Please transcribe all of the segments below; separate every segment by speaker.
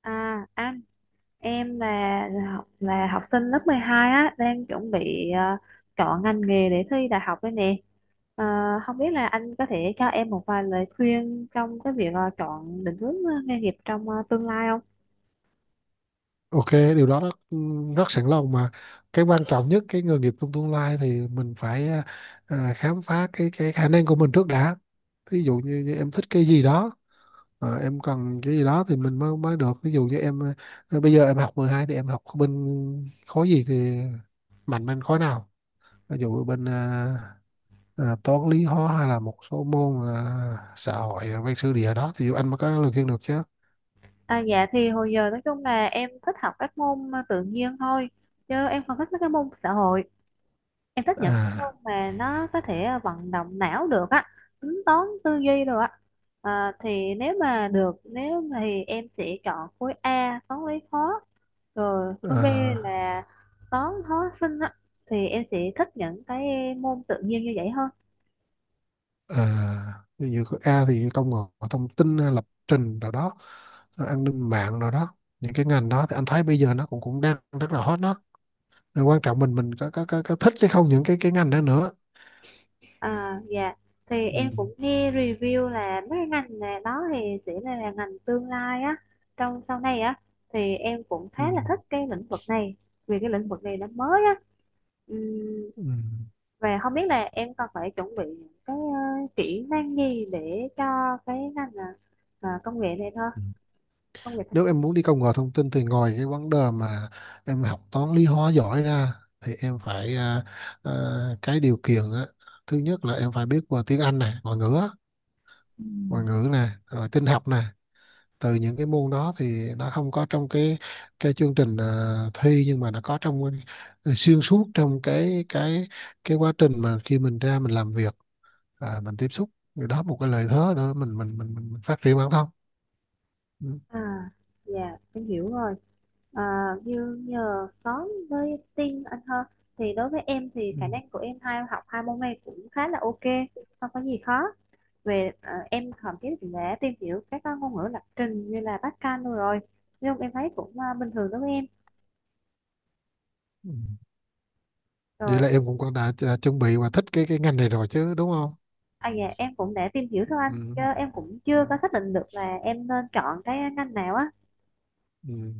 Speaker 1: À, anh em là học sinh lớp 12 á, đang chuẩn bị chọn ngành nghề để thi đại học đây nè. Ờ, Không biết là anh có thể cho em một vài lời khuyên trong cái việc chọn định hướng nghề nghiệp trong tương lai không?
Speaker 2: Ok, điều đó rất sẵn lòng mà. Cái quan trọng nhất cái nghề nghiệp trong tương lai thì mình phải khám phá cái khả năng của mình trước đã. Ví dụ như, như em thích cái gì đó, em cần cái gì đó thì mình mới mới được. Ví dụ như em bây giờ em học 12 thì em học bên khối gì, thì mạnh bên khối nào? Ví dụ bên toán lý hóa hay là một số môn xã hội, văn sử địa đó thì anh mới có lời khuyên được chứ.
Speaker 1: À, dạ thì hồi giờ nói chung là em thích học các môn tự nhiên thôi, chứ em không thích mấy cái môn xã hội. Em thích những môn
Speaker 2: À,
Speaker 1: mà nó có thể vận động não được á, tính toán tư duy được á. Thì nếu mà được, nếu mà thì em sẽ chọn khối A toán lý khó, rồi khối B
Speaker 2: à
Speaker 1: là toán hóa sinh á, thì em sẽ thích những cái môn tự nhiên như vậy hơn.
Speaker 2: ví dụ có A thì công nghệ thông tin hay lập trình rồi đó, rồi an ninh mạng rồi đó. Những cái ngành đó thì anh thấy bây giờ nó cũng cũng đang rất là hot đó. Rồi quan trọng mình mình có thích hay không những cái ngành đó nữa.
Speaker 1: À dạ, thì em
Speaker 2: Ừ.
Speaker 1: cũng nghe review là mấy cái ngành này đó thì sẽ là ngành tương lai á, trong sau này á, thì em cũng
Speaker 2: Ừ.
Speaker 1: khá là thích cái lĩnh vực này, vì cái lĩnh vực này nó mới á. Ừm,
Speaker 2: Ừ.
Speaker 1: Và không biết là em còn phải chuẩn bị những cái kỹ năng gì để cho cái ngành công nghệ này thôi,
Speaker 2: Ừ.
Speaker 1: công nghệ thông.
Speaker 2: Nếu em muốn đi công nghệ thông tin thì ngoài cái vấn đề mà em học toán lý hóa giỏi ra, thì em phải à, cái điều kiện á, thứ nhất là em phải biết về tiếng Anh này, ngoại ngữ á, ngoại ngữ này rồi tin học nè. Từ những cái môn đó thì nó không có trong cái chương trình thi, nhưng mà nó có trong xuyên suốt trong cái quá trình mà khi mình ra mình làm việc, mình tiếp xúc, thì đó một cái lợi thế nữa mình phát triển bản thân. Ừ.
Speaker 1: À, dạ, em hiểu rồi. À, như nhờ có với tin anh hơn, thì đối với em thì
Speaker 2: Ừ.
Speaker 1: khả năng của em hai học hai môn này cũng khá là ok, không có gì khó. Về à, em thậm chí cũng đã tìm hiểu các ngôn ngữ lập trình như là Pascal luôn rồi. Nhưng em thấy cũng bình thường đối với em.
Speaker 2: Ừ. Vậy
Speaker 1: Rồi
Speaker 2: là em cũng có đã chuẩn bị và thích cái ngành này rồi chứ, đúng không?
Speaker 1: à dạ, em cũng đã tìm hiểu thôi anh,
Speaker 2: Ừ.
Speaker 1: chứ em cũng
Speaker 2: Ừ.
Speaker 1: chưa có xác định được là em nên chọn cái ngành nào á.
Speaker 2: Ừ.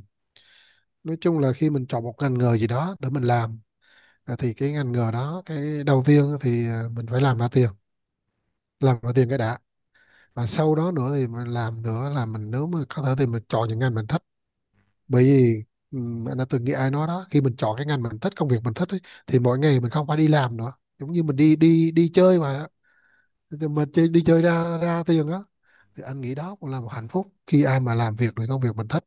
Speaker 2: Nói chung là khi mình chọn một ngành nghề gì đó để mình làm, thì cái ngành nghề đó cái đầu tiên thì mình phải làm ra tiền, làm ra tiền cái đã. Và sau đó nữa thì mình làm nữa là mình nếu mà có thể thì mình chọn những ngành mình thích. Bởi vì anh đã từng nghĩ ai nói đó, khi mình chọn cái ngành mình thích, công việc mình thích ấy, thì mỗi ngày mình không phải đi làm nữa, giống như mình đi đi đi chơi mà đó. Thì mình chơi, đi chơi ra ra tiền á, thì anh nghĩ đó cũng là một hạnh phúc khi ai mà làm việc được công việc mình thích.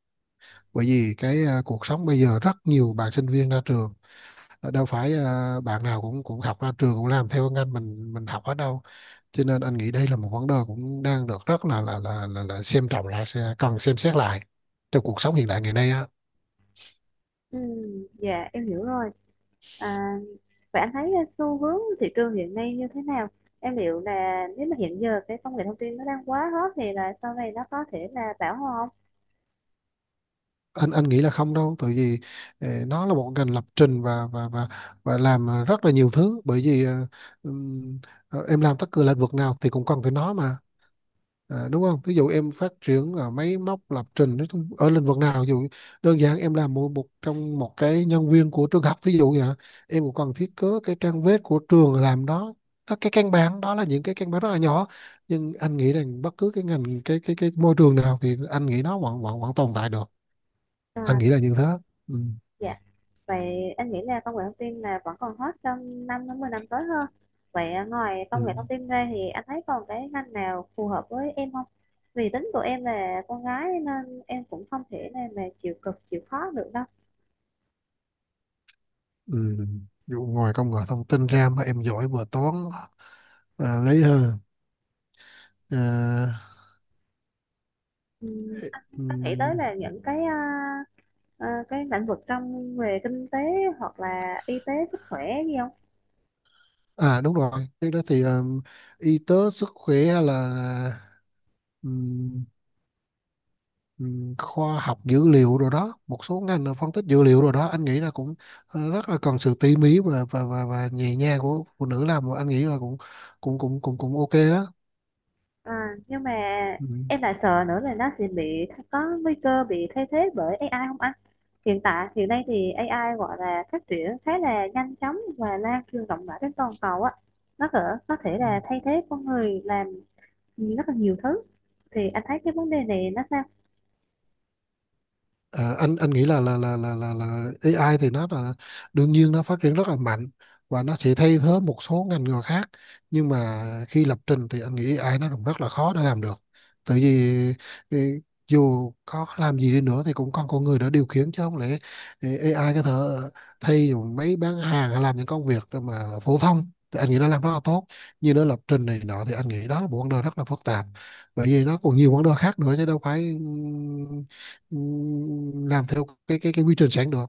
Speaker 2: Bởi vì cái cuộc sống bây giờ rất nhiều bạn sinh viên ra trường, đâu phải bạn nào cũng cũng học ra trường cũng làm theo ngành mình học ở đâu, cho nên anh nghĩ đây là một vấn đề cũng đang được rất là xem trọng, là sẽ cần xem xét lại trong cuộc sống hiện đại ngày nay á.
Speaker 1: Ừ, dạ em hiểu rồi. À, vậy anh thấy xu hướng thị trường hiện nay như thế nào? Em liệu là nếu mà hiện giờ cái công nghệ thông tin nó đang quá hot thì là sau này nó có thể là bão hòa không?
Speaker 2: Anh nghĩ là không đâu, tại vì nó là một ngành lập trình và và làm rất là nhiều thứ. Bởi vì ừm, em làm tất cả lĩnh vực nào thì cũng cần tới nó mà. À, đúng không? Ví dụ em phát triển máy móc lập trình nói chung- ở lĩnh vực nào, ví dụ đơn giản em làm một trong một cái nhân viên của trường học, ví dụ vậy, đó. Em cũng cần thiết kế cái trang web của trường làm đó, đó cái căn bản, đó là những cái căn bản rất là nhỏ, nhưng anh nghĩ rằng bất cứ cái ngành cái môi trường nào thì anh nghĩ nó vẫn vẫn vẫn tồn tại được, anh
Speaker 1: À,
Speaker 2: nghĩ là như thế. Ừ.
Speaker 1: dạ. Vậy anh nghĩ là công nghệ thông tin là vẫn còn hot trong 5 đến 10 năm tới hơn. Vậy à, ngoài công
Speaker 2: Ừ.
Speaker 1: nghệ thông tin ra thì anh thấy còn cái ngành nào phù hợp với em không? Vì tính của em là con gái nên em cũng không thể nào mà chịu cực chịu khó được đâu.
Speaker 2: Ừ. Ví dụ ngoài công nghệ thông tin ra mà em giỏi vừa toán, lấy hơn à,
Speaker 1: Anh
Speaker 2: ừ.
Speaker 1: có nghĩ tới là những cái cái lĩnh vực trong về kinh tế hoặc là y tế sức khỏe gì không?
Speaker 2: À đúng rồi, trước đó thì y tế sức khỏe hay là ừm, khoa học dữ liệu rồi đó, một số ngành là phân tích dữ liệu rồi đó, anh nghĩ là cũng rất là cần sự tỉ mỉ và và nhẹ nhàng của phụ nữ làm, và anh nghĩ là cũng cũng cũng cũng cũng ok đó.
Speaker 1: À, nhưng mà
Speaker 2: Ừ.
Speaker 1: em lại sợ nữa là nó sẽ bị có nguy cơ bị thay thế bởi AI không anh? Hiện tại hiện nay thì AI gọi là phát triển khá là nhanh chóng và lan truyền rộng rãi trên toàn cầu á. Nó có thể
Speaker 2: Ừ.
Speaker 1: là thay thế con người làm rất là nhiều thứ. Thì anh thấy cái vấn đề này nó sao?
Speaker 2: À, anh nghĩ là AI thì nó là đương nhiên, nó phát triển rất là mạnh và nó sẽ thay thế một số ngành nghề khác, nhưng mà khi lập trình thì anh nghĩ AI nó cũng rất là khó để làm được. Tại vì ừ, dù có làm gì đi nữa thì cũng còn con người đã điều khiển, chứ không lẽ AI có thể thay. Dù mấy bán hàng hay làm những công việc mà phổ thông thì anh nghĩ nó làm rất là tốt, nhưng nó lập trình này nọ thì anh nghĩ đó là một vấn đề rất là phức tạp. Bởi vì nó còn nhiều vấn đề khác nữa chứ đâu phải ừ, làm theo cái quy trình sẵn được.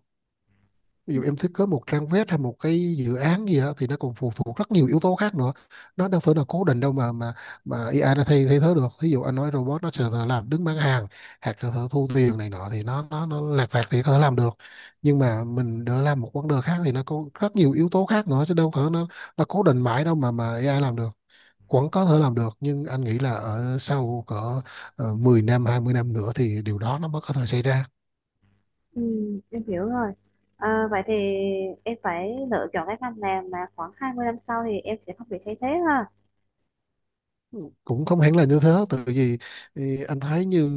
Speaker 2: Ví dụ em thiết kế một trang web hay một cái dự án gì đó, thì nó còn phụ thuộc rất nhiều yếu tố khác nữa, nó đâu phải là cố định đâu mà AI nó thay thay thế được. Ví dụ anh nói robot nó sẽ tự làm đứng bán hàng hoặc là tự thu tiền này nọ thì nó lặt vặt thì có thể làm được, nhưng mà mình đỡ làm một vấn đề khác thì nó có rất nhiều yếu tố khác nữa chứ đâu phải nó cố định mãi đâu mà AI làm được. Vẫn có thể làm được, nhưng anh nghĩ là ở sau cỡ 10 năm, 20 năm nữa thì điều đó nó mới có thể xảy ra.
Speaker 1: Ừ, em hiểu rồi. À, vậy thì em phải lựa chọn cái ngành làm mà khoảng 20 năm sau thì em sẽ không bị thay thế ha.
Speaker 2: Cũng không hẳn là như thế, tại vì thì anh thấy như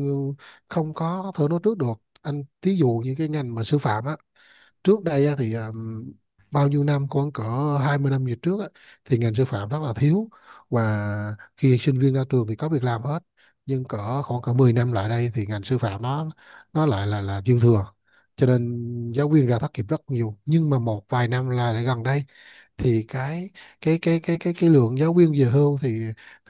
Speaker 2: không có thể nói trước được. Anh thí dụ như cái ngành mà sư phạm á, trước đây á, thì bao nhiêu năm, khoảng cỡ 20 năm về trước á, thì ngành sư phạm rất là thiếu, và khi sinh viên ra trường thì có việc làm hết. Nhưng cỡ khoảng cỡ 10 năm lại đây thì ngành sư phạm nó lại là dư thừa, cho nên giáo viên ra thất nghiệp rất nhiều. Nhưng mà một vài năm là lại gần đây thì cái lượng giáo viên về hưu thì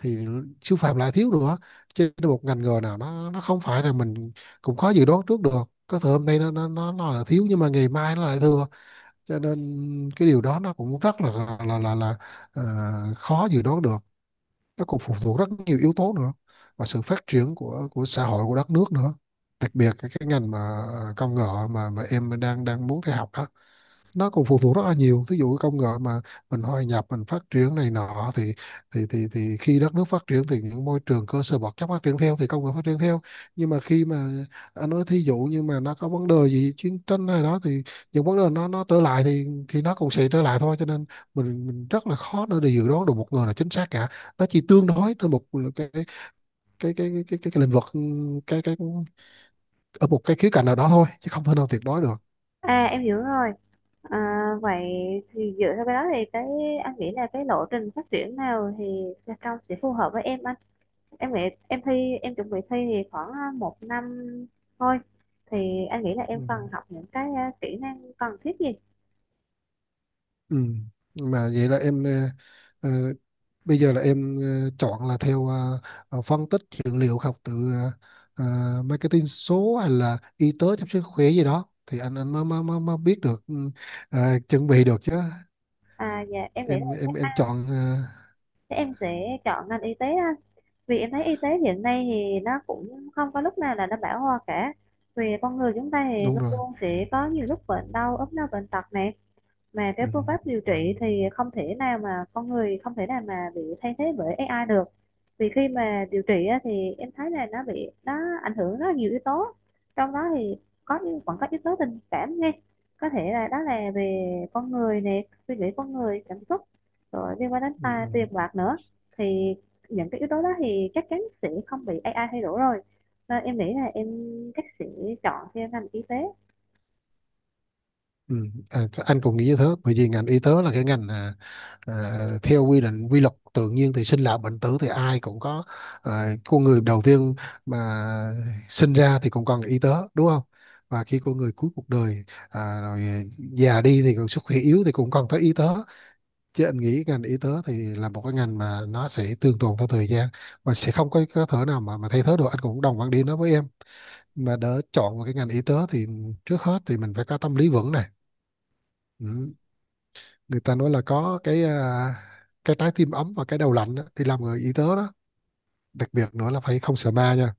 Speaker 2: thì siêu phàm lại thiếu nữa. Trên một ngành nghề nào nó không phải là mình, cũng khó dự đoán trước được. Có thể hôm nay nó là thiếu, nhưng mà ngày mai nó lại thừa, cho nên cái điều đó nó cũng rất là ờ, khó dự đoán được. Nó còn phụ thuộc rất nhiều yếu tố nữa, và sự phát triển của xã hội, của đất nước nữa. Đặc biệt cái ngành mà công nghệ mà em đang đang muốn theo học đó, nó còn phụ thuộc rất là nhiều. Ví dụ công nghệ mà mình hòa nhập mình phát triển này nọ thì thì khi đất nước phát triển thì những môi trường cơ sở vật chất phát triển theo, thì công nghệ phát triển theo. Nhưng mà khi mà anh nói thí dụ như mà nó có vấn đề gì chiến tranh hay đó thì những vấn đề nó trở lại thì nó cũng sẽ trở lại thôi, cho nên mình rất là khó để dự đoán được một người là chính xác cả. Nó chỉ tương đối trên một cái cái cái lĩnh vực, ừ, cái ở một cái khía cạnh nào đó thôi chứ không thể nào tuyệt đối được.
Speaker 1: À em hiểu rồi. À, vậy thì dựa theo cái đó thì cái anh nghĩ là cái lộ trình phát triển nào thì Trà Trong sẽ phù hợp với em anh, em nghĩ em thi, em chuẩn bị thi thì khoảng 1 năm thôi, thì anh nghĩ là
Speaker 2: Ừ.
Speaker 1: em cần học những cái kỹ năng cần thiết gì.
Speaker 2: Ừ. Mà vậy là em ờ, bây giờ là em chọn là theo phân tích dữ liệu, học từ marketing số hay là y tế chăm sóc sức khỏe gì đó, thì anh mới mới biết được chuẩn bị được chứ.
Speaker 1: À dạ, em nghĩ là
Speaker 2: Em chọn
Speaker 1: chắc em sẽ chọn ngành y tế anh, vì em thấy y tế hiện nay thì nó cũng không có lúc nào là nó bão hòa cả, vì con người chúng ta thì
Speaker 2: đúng
Speaker 1: luôn
Speaker 2: rồi.
Speaker 1: luôn sẽ có nhiều lúc bệnh đau ốm đau bệnh tật nè, mà cái
Speaker 2: Ừ.
Speaker 1: phương pháp điều trị thì không thể nào mà con người không thể nào mà bị thay thế bởi AI được. Vì khi mà điều trị á, thì em thấy là nó bị ảnh hưởng rất là nhiều yếu tố, trong đó thì có những vẫn có yếu tố tình cảm nghe, có thể là đó là về con người nè, suy nghĩ con người, cảm xúc, rồi liên quan đến
Speaker 2: Ừ.
Speaker 1: ta
Speaker 2: Ừ.
Speaker 1: tiền bạc nữa. Thì những cái yếu tố đó thì chắc chắn sẽ không bị AI thay đổi rồi, nên em nghĩ là em chắc sẽ chọn theo ngành y tế.
Speaker 2: Ừ, à, anh cũng nghĩ như thế, bởi vì ngành y tế là cái ngành à, theo quy định, quy luật tự nhiên thì sinh lão bệnh tử thì ai cũng có. Con người đầu tiên mà sinh ra thì cũng cần y tế, đúng không? Và khi con người cuối cuộc đời, rồi già đi thì còn sức khỏe yếu thì cũng cần tới y tế. Chứ anh nghĩ ngành y tế thì là một cái ngành mà nó sẽ tương tồn theo thời gian, và sẽ không có có thể nào mà thay thế được, anh cũng đồng quan điểm đó với em. Mà để chọn một cái ngành y tế thì trước hết thì mình phải có tâm lý vững này, ừ, người ta nói là có cái cái trái tim ấm và cái đầu lạnh á, thì làm người y tế đó. Đặc biệt nữa là phải không sợ ma nha.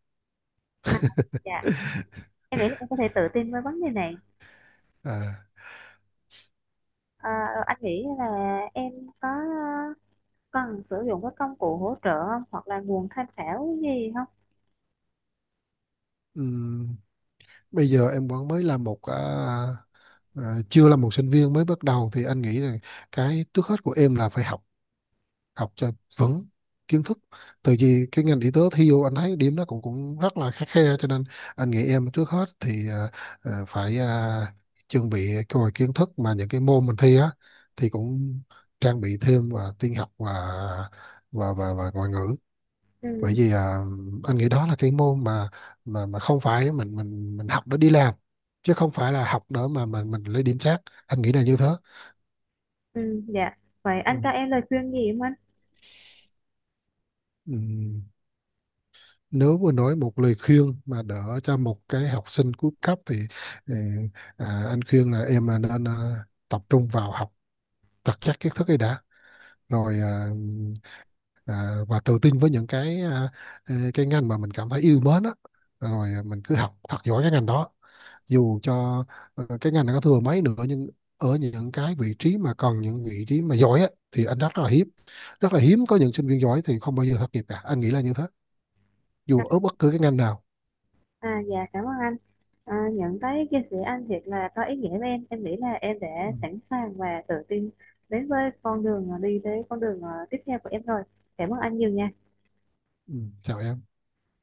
Speaker 1: À, dạ em nghĩ là em có thể tự tin với vấn đề này.
Speaker 2: à,
Speaker 1: Ờ, anh nghĩ là em có cần sử dụng các công cụ hỗ trợ không, hoặc là nguồn tham khảo gì không?
Speaker 2: ừm, bây giờ em vẫn mới là một à, chưa là một sinh viên mới bắt đầu, thì anh nghĩ là cái trước hết của em là phải học, học cho vững kiến thức. Từ vì cái ngành y tế thi vô anh thấy điểm nó cũng cũng rất là khắt khe, cho nên anh nghĩ em trước hết thì phải chuẩn bị cái vài kiến thức mà những cái môn mình thi á, thì cũng trang bị thêm và tin học và và ngoại ngữ. Bởi
Speaker 1: Ừ,
Speaker 2: vì anh nghĩ đó là cái môn mà mà không phải mình học để đi làm, chứ không phải là học để mà mình lấy điểm trác, anh nghĩ là như thế.
Speaker 1: ừ, dạ. Vậy anh cho
Speaker 2: Ừ.
Speaker 1: em lời khuyên gì không anh?
Speaker 2: Ừ. Nếu mà nói một lời khuyên mà đỡ cho một cái học sinh cuối cấp thì ừ, anh khuyên là em nên tập trung vào học thật chắc kiến thức ấy đã. Rồi và tự tin với những cái cái ngành mà mình cảm thấy yêu mến á, rồi mình cứ học thật giỏi cái ngành đó. Dù cho cái ngành này có thừa mấy nữa, nhưng ở những cái vị trí mà cần, những vị trí mà giỏi á, thì anh rất là hiếm, rất là hiếm có. Những sinh viên giỏi thì không bao giờ thất nghiệp cả, anh nghĩ là như thế,
Speaker 1: À,
Speaker 2: dù ở bất cứ cái ngành nào.
Speaker 1: dạ cảm ơn anh. À, nhận thấy chia sẻ anh thiệt là có ý nghĩa với em. Em nghĩ là em
Speaker 2: Ừ.
Speaker 1: đã sẵn sàng và tự tin đến với con đường, đi tới con đường tiếp theo của em rồi. Cảm ơn anh nhiều nha.
Speaker 2: Ừ, chào em.